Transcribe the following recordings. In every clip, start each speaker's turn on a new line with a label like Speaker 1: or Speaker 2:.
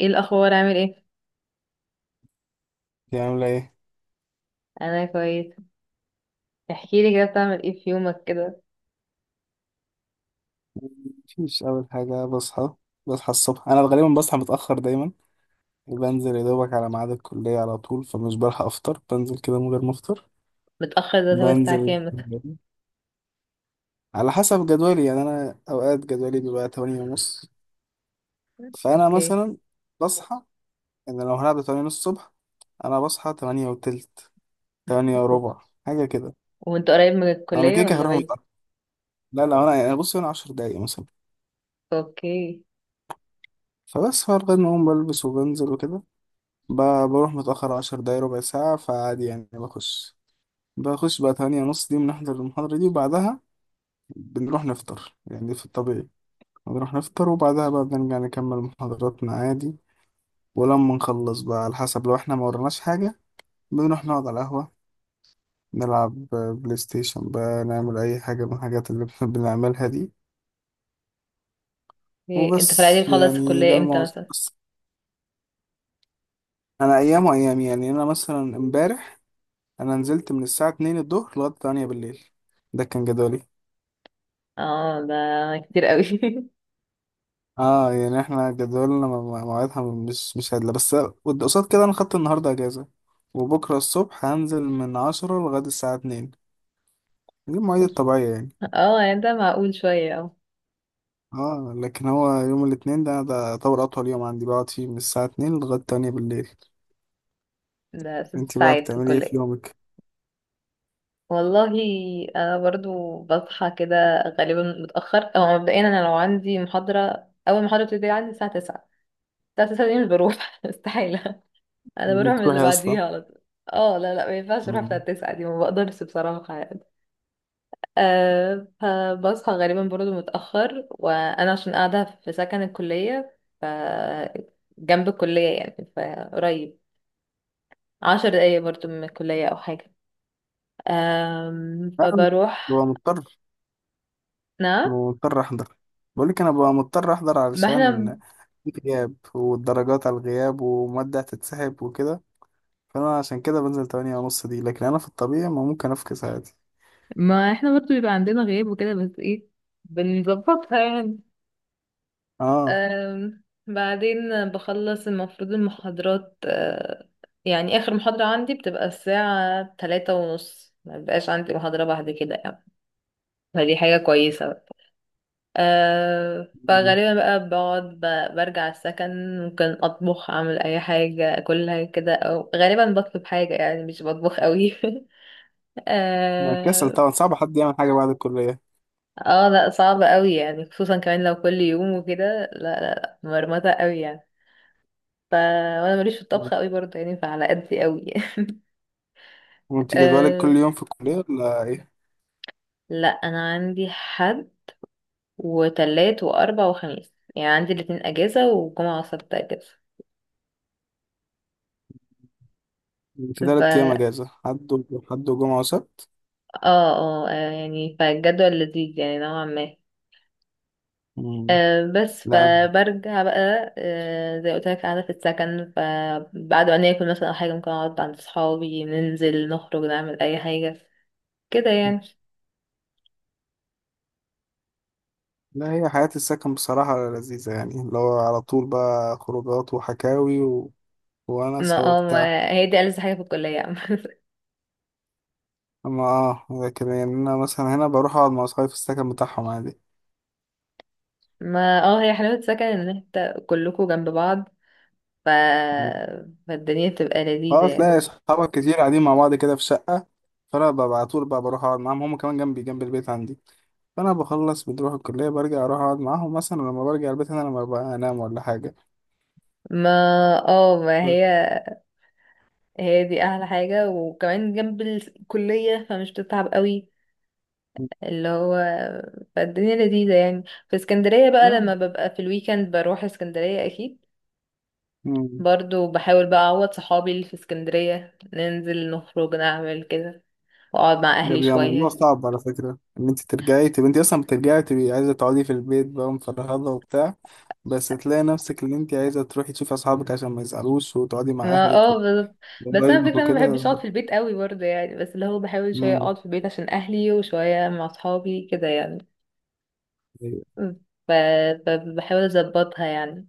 Speaker 1: ايه الاخبار عامل ايه؟
Speaker 2: دي عاملة ايه؟
Speaker 1: انا كويس. احكي لي كده، بتعمل ايه في يومك كده؟
Speaker 2: مفيش أول حاجة بصحى. بصحى الصبح، أنا غالبا بصحى متأخر دايما، وبنزل يا دوبك على ميعاد الكلية على طول، فمش بلحق أفطر، بنزل كده من غير ما أفطر،
Speaker 1: متاخر ده اللي هو الساعه
Speaker 2: بنزل
Speaker 1: كام مثلا؟
Speaker 2: الكلية. على حسب جدولي يعني. أنا أوقات جدولي بيبقى 8:30، فأنا
Speaker 1: اوكي.
Speaker 2: مثلا بصحى. إن لو هلعب 8:30 الصبح، أنا بصحى 8:20، 8:15، حاجة كده.
Speaker 1: وانت قريب من
Speaker 2: أنا
Speaker 1: الكليه
Speaker 2: كده كده
Speaker 1: ولا
Speaker 2: هروح
Speaker 1: بعيد؟
Speaker 2: متأخر. لا لا، أنا يعني بص، أنا 10 دقايق مثلا،
Speaker 1: اوكي.
Speaker 2: فبس فارغ إن أقوم بلبس وبنزل وكده. بروح متأخر 10 دقايق، ربع ساعة، فعادي يعني. بخش بقى 8:30، دي بنحضر المحاضرة دي، وبعدها بنروح نفطر يعني في الطبيعي. بنروح نفطر، وبعدها بقى بنرجع نكمل محاضراتنا عادي. ولما نخلص بقى، على حسب، لو احنا ما وراناش حاجة بنروح نقعد على القهوة، نلعب بلاي ستيشن بقى، نعمل أي حاجة من الحاجات اللي بنعملها دي.
Speaker 1: إيه. انت في العادي
Speaker 2: وبس،
Speaker 1: بتخلص
Speaker 2: يعني ده
Speaker 1: الكليه امتى
Speaker 2: الموضوع
Speaker 1: مثلا؟
Speaker 2: بس. أنا أيام وأيام يعني. أنا مثلا امبارح أنا نزلت من الساعة اتنين الظهر لغاية 8 بالليل. ده كان جدولي.
Speaker 1: اه ده كتير قوي.
Speaker 2: اه يعني احنا جدولنا مواعيدها مش هادلة، بس قصاد كده انا خدت النهاردة اجازة، وبكرة الصبح هنزل من عشرة لغاية الساعة اتنين. دي المواعيد الطبيعية يعني.
Speaker 1: اه يعني ده معقول شويه. اه
Speaker 2: اه، لكن هو يوم الاتنين ده يعتبر اطول يوم عندي، بقعد فيه من الساعة اتنين لغاية تانية بالليل.
Speaker 1: ده ست
Speaker 2: انتي بقى
Speaker 1: ساعات في
Speaker 2: بتعملي ايه في
Speaker 1: الكليه؟
Speaker 2: يومك؟
Speaker 1: والله انا برضو بصحى كده غالبا متاخر، او مبدئيا انا لو عندي محاضره، اول محاضره بتبتدي عندي الساعه 9. الساعه 9 دي مش بروح استحاله. انا بروح من اللي
Speaker 2: بتروحي اصلا؟
Speaker 1: بعديها على طول. اه لا لا ما ينفعش اروح بتاع
Speaker 2: مم.
Speaker 1: التسعة دي، ما بقدرش بصراحة يعني. أه فبصحى غالبا برضه متأخر، وانا عشان قاعدة في سكن الكلية ف جنب الكلية يعني فقريب. عشر دقايق برضه من الكلية او حاجة. أم
Speaker 2: لا، انا
Speaker 1: فبروح.
Speaker 2: ببقى مضطر
Speaker 1: نعم.
Speaker 2: مضطر احضر. بقولك انا ببقى مضطر احضر،
Speaker 1: ما احنا
Speaker 2: علشان في غياب، والدرجات على الغياب، ومادة هتتسحب وكده. فانا عشان كده بنزل 8:30 دي، لكن انا في الطبيعي ما ممكن افكس عادي.
Speaker 1: ما احنا برضه بيبقى عندنا غياب وكده، بس ايه، بنظبطها يعني.
Speaker 2: اه،
Speaker 1: أم، بعدين بخلص المفروض المحاضرات أه، يعني آخر محاضرة عندي بتبقى الساعة تلاتة ونص، ما بيبقاش عندي محاضرة بعد كده يعني. فدي حاجة كويسة بقى. أه فغالبا بقى بقعد برجع السكن، ممكن أطبخ أعمل أي حاجة أكلها كده، أو غالبا بطلب حاجة يعني مش بطبخ قوي.
Speaker 2: أنا كسل
Speaker 1: اه
Speaker 2: طبعا، صعب حد يعمل حاجة بعد الكلية.
Speaker 1: آه، لا صعب قوي يعني، خصوصا كمان لو كل يوم وكده، لا لا لا مرمطة قوي يعني. وانا ماليش في الطبخ قوي برضه يعني، فعلى قدي قوي.
Speaker 2: وانت جدولك كل
Speaker 1: أه...
Speaker 2: يوم في الكلية ولا ايه؟
Speaker 1: لا انا عندي حد وتلات واربع وخميس، يعني عندي الاتنين اجازة وجمعة وسبت اجازة.
Speaker 2: انت
Speaker 1: ف
Speaker 2: تلات ايام
Speaker 1: اه
Speaker 2: اجازة، حد حد وجمعة وسبت.
Speaker 1: اه آه، يعني فالجدول لذيذ يعني نوعا ما.
Speaker 2: مم.
Speaker 1: أه بس
Speaker 2: لا
Speaker 1: فبرجع بقى، أه زي قلت لك قاعدة في السكن، فبعد ما ناكل مثلا أو حاجة، ممكن أقعد عند صحابي، ننزل نخرج نعمل أي حاجة كده يعني.
Speaker 2: لا، هي حياة السكن بصراحة لذيذة يعني، اللي هو على طول بقى خروجات وحكاوي وأنس
Speaker 1: ما اه
Speaker 2: وبتاع.
Speaker 1: ما هي دي ألذ حاجة في الكلية.
Speaker 2: أما لكن يعني، أنا مثلا هنا بروح أقعد مع أصحابي في السكن بتاعهم عادي.
Speaker 1: ما اه هي حلاوة سكن ان انت كلكوا جنب بعض. ف... فالدنيا بتبقى لذيذة
Speaker 2: اه،
Speaker 1: يعني.
Speaker 2: تلاقي صحابك كتير قاعدين مع بعض كده في شقة. فأنا ببقى على طول بقى بروح أقعد معاهم، هما كمان جنبي، جنب البيت عندي. فأنا بخلص بنروح الكلية، برجع أروح أقعد معاهم مثلا، لما برجع البيت أنا لما ببقى أنام ولا حاجة.
Speaker 1: ما اه ما هي هي دي احلى حاجة، وكمان جنب الكلية فمش بتتعب قوي. اللي هو فالدنيا لذيذة يعني. في اسكندرية بقى،
Speaker 2: لا.
Speaker 1: لما ببقى في الويكند بروح اسكندرية اكيد.
Speaker 2: مم.
Speaker 1: برضو بحاول بقى اعوض صحابي اللي في اسكندرية، ننزل نخرج نعمل كده، واقعد مع
Speaker 2: ده
Speaker 1: اهلي
Speaker 2: بيبقى موضوع
Speaker 1: شوية.
Speaker 2: صعب على فكرة، إن أنت ترجعي تبقى أنت أصلا بترجعي تبقي عايزة تقعدي في البيت بقى مفرهدة وبتاع، بس تلاقي نفسك إن أنت عايزة تروحي تشوفي أصحابك عشان ما يزعلوش، وتقعدي مع
Speaker 1: ما
Speaker 2: أهلك
Speaker 1: اه بالظبط. بس انا
Speaker 2: وقرايبك
Speaker 1: فكرة ما
Speaker 2: وكده.
Speaker 1: بحبش اقعد في البيت قوي برضه يعني، بس اللي هو بحاول شوية
Speaker 2: مم.
Speaker 1: اقعد في البيت عشان اهلي، وشوية مع اصحابي كده يعني. ف... فبحاول اظبطها يعني.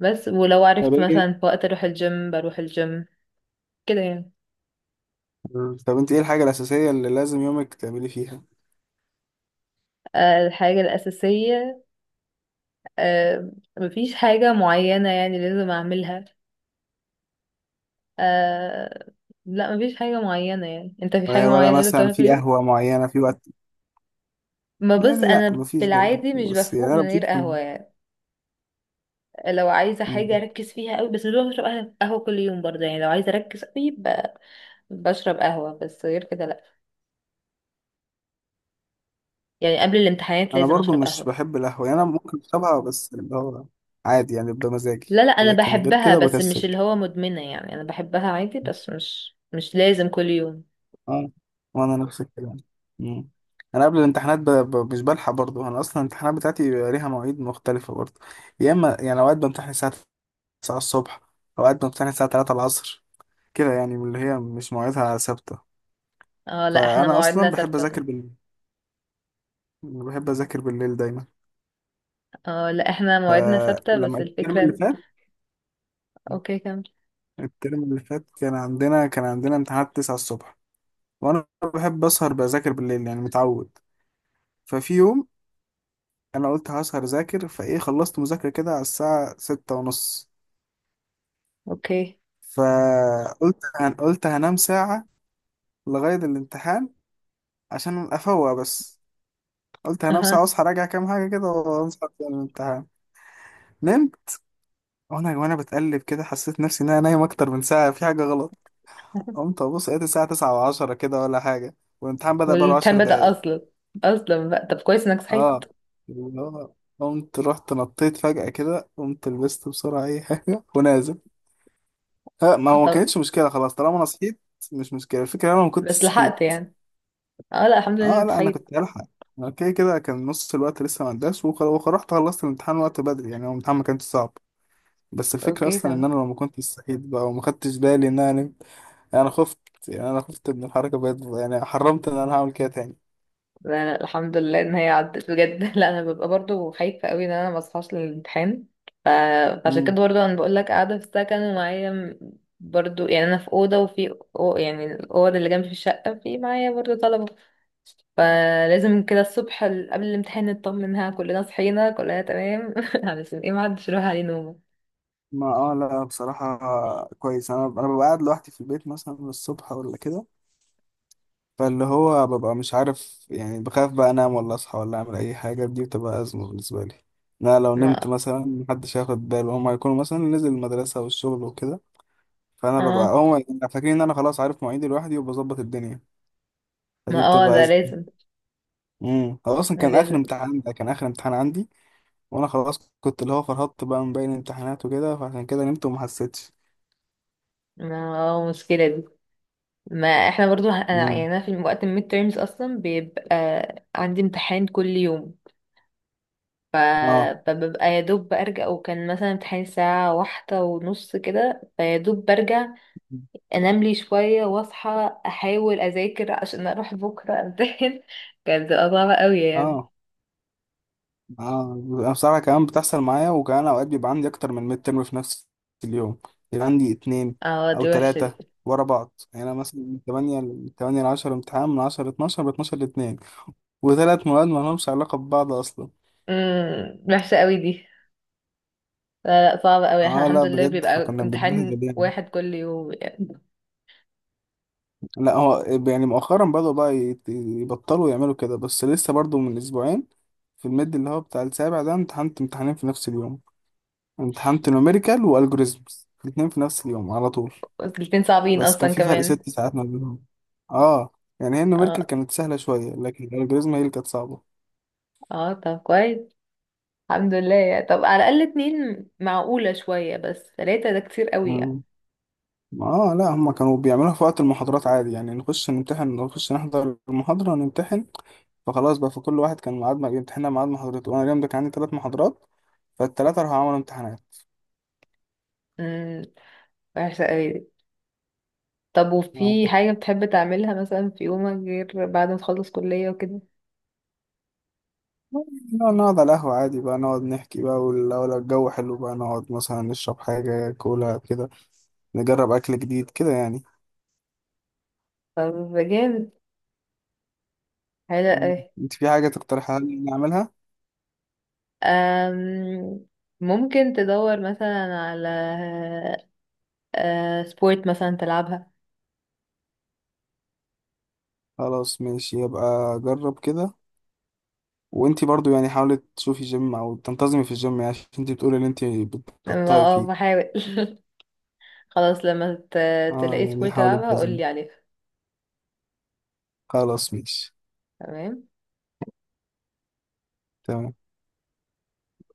Speaker 1: بس ولو
Speaker 2: طب
Speaker 1: عرفت
Speaker 2: إيه.
Speaker 1: مثلا في وقت اروح الجيم بروح الجيم كده يعني.
Speaker 2: مم. طب انت ايه الحاجة الأساسية اللي لازم يومك تعملي فيها؟
Speaker 1: آه، الحاجة الأساسية، آه، مفيش حاجة معينة يعني لازم أعملها. أه لا مفيش حاجة معينة يعني. أنت في حاجة
Speaker 2: ولا
Speaker 1: معينة لازم
Speaker 2: مثلا
Speaker 1: تعملها في
Speaker 2: في
Speaker 1: اليوم؟
Speaker 2: قهوة معينة في وقت؟
Speaker 1: ما بص
Speaker 2: يعني لا،
Speaker 1: أنا في
Speaker 2: مفيش برضه،
Speaker 1: العادي مش
Speaker 2: بس
Speaker 1: بفوق
Speaker 2: يعني
Speaker 1: من
Speaker 2: انا بشوف
Speaker 1: غير
Speaker 2: إن.
Speaker 1: قهوة يعني. لو عايزة حاجة
Speaker 2: مم.
Speaker 1: أركز فيها قوي، بس مش بشرب قهوة كل يوم برضه يعني، لو عايزة أركز قوي بشرب قهوة، بس غير كده لأ. يعني قبل الامتحانات
Speaker 2: انا
Speaker 1: لازم
Speaker 2: برضه
Speaker 1: أشرب
Speaker 2: مش
Speaker 1: قهوة.
Speaker 2: بحب القهوة، يعني انا ممكن اشربها، بس اللي هو عادي يعني، بمزاجي،
Speaker 1: لا لا أنا
Speaker 2: لكن غير
Speaker 1: بحبها،
Speaker 2: كده
Speaker 1: بس مش
Speaker 2: بكسل.
Speaker 1: اللي هو مدمنة يعني، أنا بحبها عادي بس مش مش لازم كل يوم.
Speaker 2: اه، وانا نفس الكلام. مم. انا قبل الامتحانات مش بلحق برضه. انا اصلا الامتحانات بتاعتي بيبقى ليها مواعيد مختلفة برضه. يا اما يعني اوقات بمتحن الساعة 9 الصبح، اوقات بمتحن الساعة 3 العصر، كده يعني، من اللي هي مش مواعيدها ثابتة.
Speaker 1: اه لا احنا
Speaker 2: فانا
Speaker 1: مواعيدنا
Speaker 2: اصلا بحب
Speaker 1: ثابتة
Speaker 2: اذاكر بالليل، بحب اذاكر بالليل دايما.
Speaker 1: اه لا احنا مواعيدنا ثابتة،
Speaker 2: فلما
Speaker 1: بس
Speaker 2: الترم
Speaker 1: الفكرة
Speaker 2: اللي
Speaker 1: إن-
Speaker 2: فات
Speaker 1: اوكي كمل.
Speaker 2: الترم اللي فات كان عندنا امتحانات 9 الصبح، وانا بحب اسهر بذاكر بالليل يعني، متعود. ففي يوم انا قلت هسهر اذاكر، فايه خلصت مذاكره كده على الساعه 6 ونص.
Speaker 1: اوكي.
Speaker 2: قلت هنام ساعه لغايه الامتحان، عشان افوق بس. قلت هنام ساعه
Speaker 1: اها.
Speaker 2: واصحى راجع كام حاجه كده، وانصح في الامتحان. نمت، وانا بتقلب كده، حسيت نفسي ان انا نايم اكتر من ساعه، في حاجه غلط. قمت ابص، لقيت الساعه 9 و10 كده ولا حاجه، والامتحان بدأ بقاله 10
Speaker 1: والامتحان بدأ
Speaker 2: دقايق.
Speaker 1: أصلا؟ أصلا بقى؟ طب كويس إنك صحيت.
Speaker 2: اه، اللي هو قمت رحت نطيت فجأة كده، قمت لبست بسرعة أي حاجة ونازل. ها، ما هو ما
Speaker 1: طب
Speaker 2: كانتش مشكلة خلاص طالما أنا صحيت. مش مشكلة، الفكرة أنا ما كنتش
Speaker 1: بس لحقت
Speaker 2: صحيت.
Speaker 1: يعني. اه لا الحمد لله
Speaker 2: اه
Speaker 1: إنك
Speaker 2: لا، أنا
Speaker 1: صحيت.
Speaker 2: كنت هلحق. أنا كده كده كان نص الوقت لسه ما عداش، ورحت خلصت الامتحان وقت بدري يعني، هو الامتحان ما كانش صعب. بس الفكرة
Speaker 1: اوكي
Speaker 2: أصلا إن
Speaker 1: تمام.
Speaker 2: أنا لو ما كنتش صحيت بقى وما خدتش بالي إن. انا خفت، يعني انا خفت من الحركه بجد يعني، حرمت ان انا هعمل كده تاني.
Speaker 1: لا لا الحمد لله ان هي عدت بجد. لا انا ببقى برضو خايفه قوي ان انا ما اصحاش للامتحان. ف... فعشان كده
Speaker 2: مم.
Speaker 1: برضو انا بقول لك قاعده في السكن، ومعايا برضو يعني انا في اوضه، وفي أو... يعني الاوضه اللي جنبي في الشقه في معايا برضو طلبه. فلازم كده الصبح قبل الامتحان نطمنها كلنا صحينا كلنا تمام. علشان ايه ما حدش يروح عليه نومه.
Speaker 2: ما اه لا، بصراحه كويس. انا ببقى قاعد لوحدي في البيت مثلا الصبح ولا كده، فاللي هو ببقى مش عارف يعني، بخاف بقى انام ولا اصحى ولا اعمل اي حاجه، دي بتبقى ازمه بالنسبه لي. لا، لو نمت
Speaker 1: ما
Speaker 2: مثلا محدش هياخد باله، هما هيكونوا مثلا نزل المدرسه والشغل وكده. فانا ببقى
Speaker 1: اه
Speaker 2: هما يبقوا فاكرين ان انا خلاص عارف مواعيدي لوحدي وبظبط الدنيا،
Speaker 1: ما
Speaker 2: فدي
Speaker 1: اه
Speaker 2: بتبقى
Speaker 1: ده
Speaker 2: ازمه.
Speaker 1: لازم.
Speaker 2: هو اصلا كان
Speaker 1: لازم.
Speaker 2: اخر امتحان كان اخر امتحان عندي، وانا خلاص كنت اللي هو فرهدت بقى من باقي الامتحانات وكده، فعشان كده نمت وما حسيتش.
Speaker 1: ما اه مشكله دي. ما احنا برضو يعني
Speaker 2: مم.
Speaker 1: انا في وقت الميد تيرمز اصلا بيبقى عندي امتحان كل يوم. ف-
Speaker 2: اه
Speaker 1: فببقى يا دوب برجع، وكان مثلا امتحان الساعة واحدة ونص كده، فيا دوب برجع انام لي شوية، واصحى احاول اذاكر عشان اروح بكرة امتحن. كانت بتبقى صعبة قوي يعني.
Speaker 2: اه اه. انا بصراحه كمان بتحصل معايا، وكمان اوقات بيبقى عندي اكتر من ميد ترم في نفس اليوم، يبقى عندي اتنين
Speaker 1: اه
Speaker 2: او
Speaker 1: دي وحشة
Speaker 2: تلاته
Speaker 1: دي.
Speaker 2: ورا بعض يعني. انا مثلا من 8 ل 8 ل 10 امتحان، من 10 ل 12، ب 12 ل 2، وثلاث مواد ما لهمش علاقه ببعض اصلا.
Speaker 1: وحشة قوي دي. لا لا صعبة قوي، احنا
Speaker 2: اه
Speaker 1: الحمد
Speaker 2: لا
Speaker 1: لله
Speaker 2: بجد،
Speaker 1: بيبقى
Speaker 2: فكنا
Speaker 1: امتحان
Speaker 2: بنتبهدل يعني.
Speaker 1: واحد كل يوم يعني.
Speaker 2: لا هو يعني مؤخرا بدأوا بقى يبطلوا يعملوا كده، بس لسه برضو من اسبوعين في الميد اللي هو بتاع السابع ده امتحنت امتحانين في نفس اليوم. امتحنت نوميريكال والجوريزمز الاتنين في نفس اليوم على طول،
Speaker 1: بس الاتنين صعبين
Speaker 2: بس كان
Speaker 1: اصلا
Speaker 2: في فرق
Speaker 1: كمان.
Speaker 2: 6 ساعات ما بينهم. اه، يعني هي النوميريكال
Speaker 1: اه
Speaker 2: كانت سهلة شوية، لكن الالجوريزم هي اللي كانت صعبة.
Speaker 1: اه طب كويس. الحمد لله، طب على الأقل اتنين معقولة شوية، بس تلاتة ده كتير قوي يعني.
Speaker 2: مم. اه لا، هما كانوا بيعملوها في وقت المحاضرات عادي يعني، نخش نمتحن، نخش نحضر المحاضرة ونمتحن. فخلاص بقى، فكل واحد كان ميعاد ما بيمتحنها ميعاد محاضرته. وانا اليوم ده كان عندي 3 محاضرات، فالتلاتة راحوا عملوا امتحانات.
Speaker 1: امم وحشة قوي دي. طب
Speaker 2: آه،
Speaker 1: وفي حاجة بتحب تعملها مثلا في يومك، غير بعد ما تخلص كلية وكده؟
Speaker 2: نقعد على القهوة عادي بقى، نقعد نحكي بقى. ولو الجو حلو بقى نقعد مثلا نشرب حاجة كولا كده، نجرب أكل جديد كده يعني.
Speaker 1: طب جامد. حلو
Speaker 2: مم.
Speaker 1: قوي.
Speaker 2: انت في حاجة تقترحها لي نعملها؟
Speaker 1: أم، ممكن تدور مثلا على، أه، سبورت مثلا تلعبها.
Speaker 2: خلاص ماشي، يبقى جرب كده. وانت برضو يعني حاولي تشوفي جيم أو تنتظمي في الجيم، يعني عشان انت بتقولي ان انت
Speaker 1: لما
Speaker 2: بتقطعي
Speaker 1: اه
Speaker 2: فيه.
Speaker 1: بحاول. خلاص لما
Speaker 2: اه
Speaker 1: تلاقي
Speaker 2: يعني،
Speaker 1: سبورت
Speaker 2: حاولي
Speaker 1: تلعبها
Speaker 2: تنتظمي.
Speaker 1: قولي عليها.
Speaker 2: خلاص ماشي.
Speaker 1: تمام.
Speaker 2: تمام.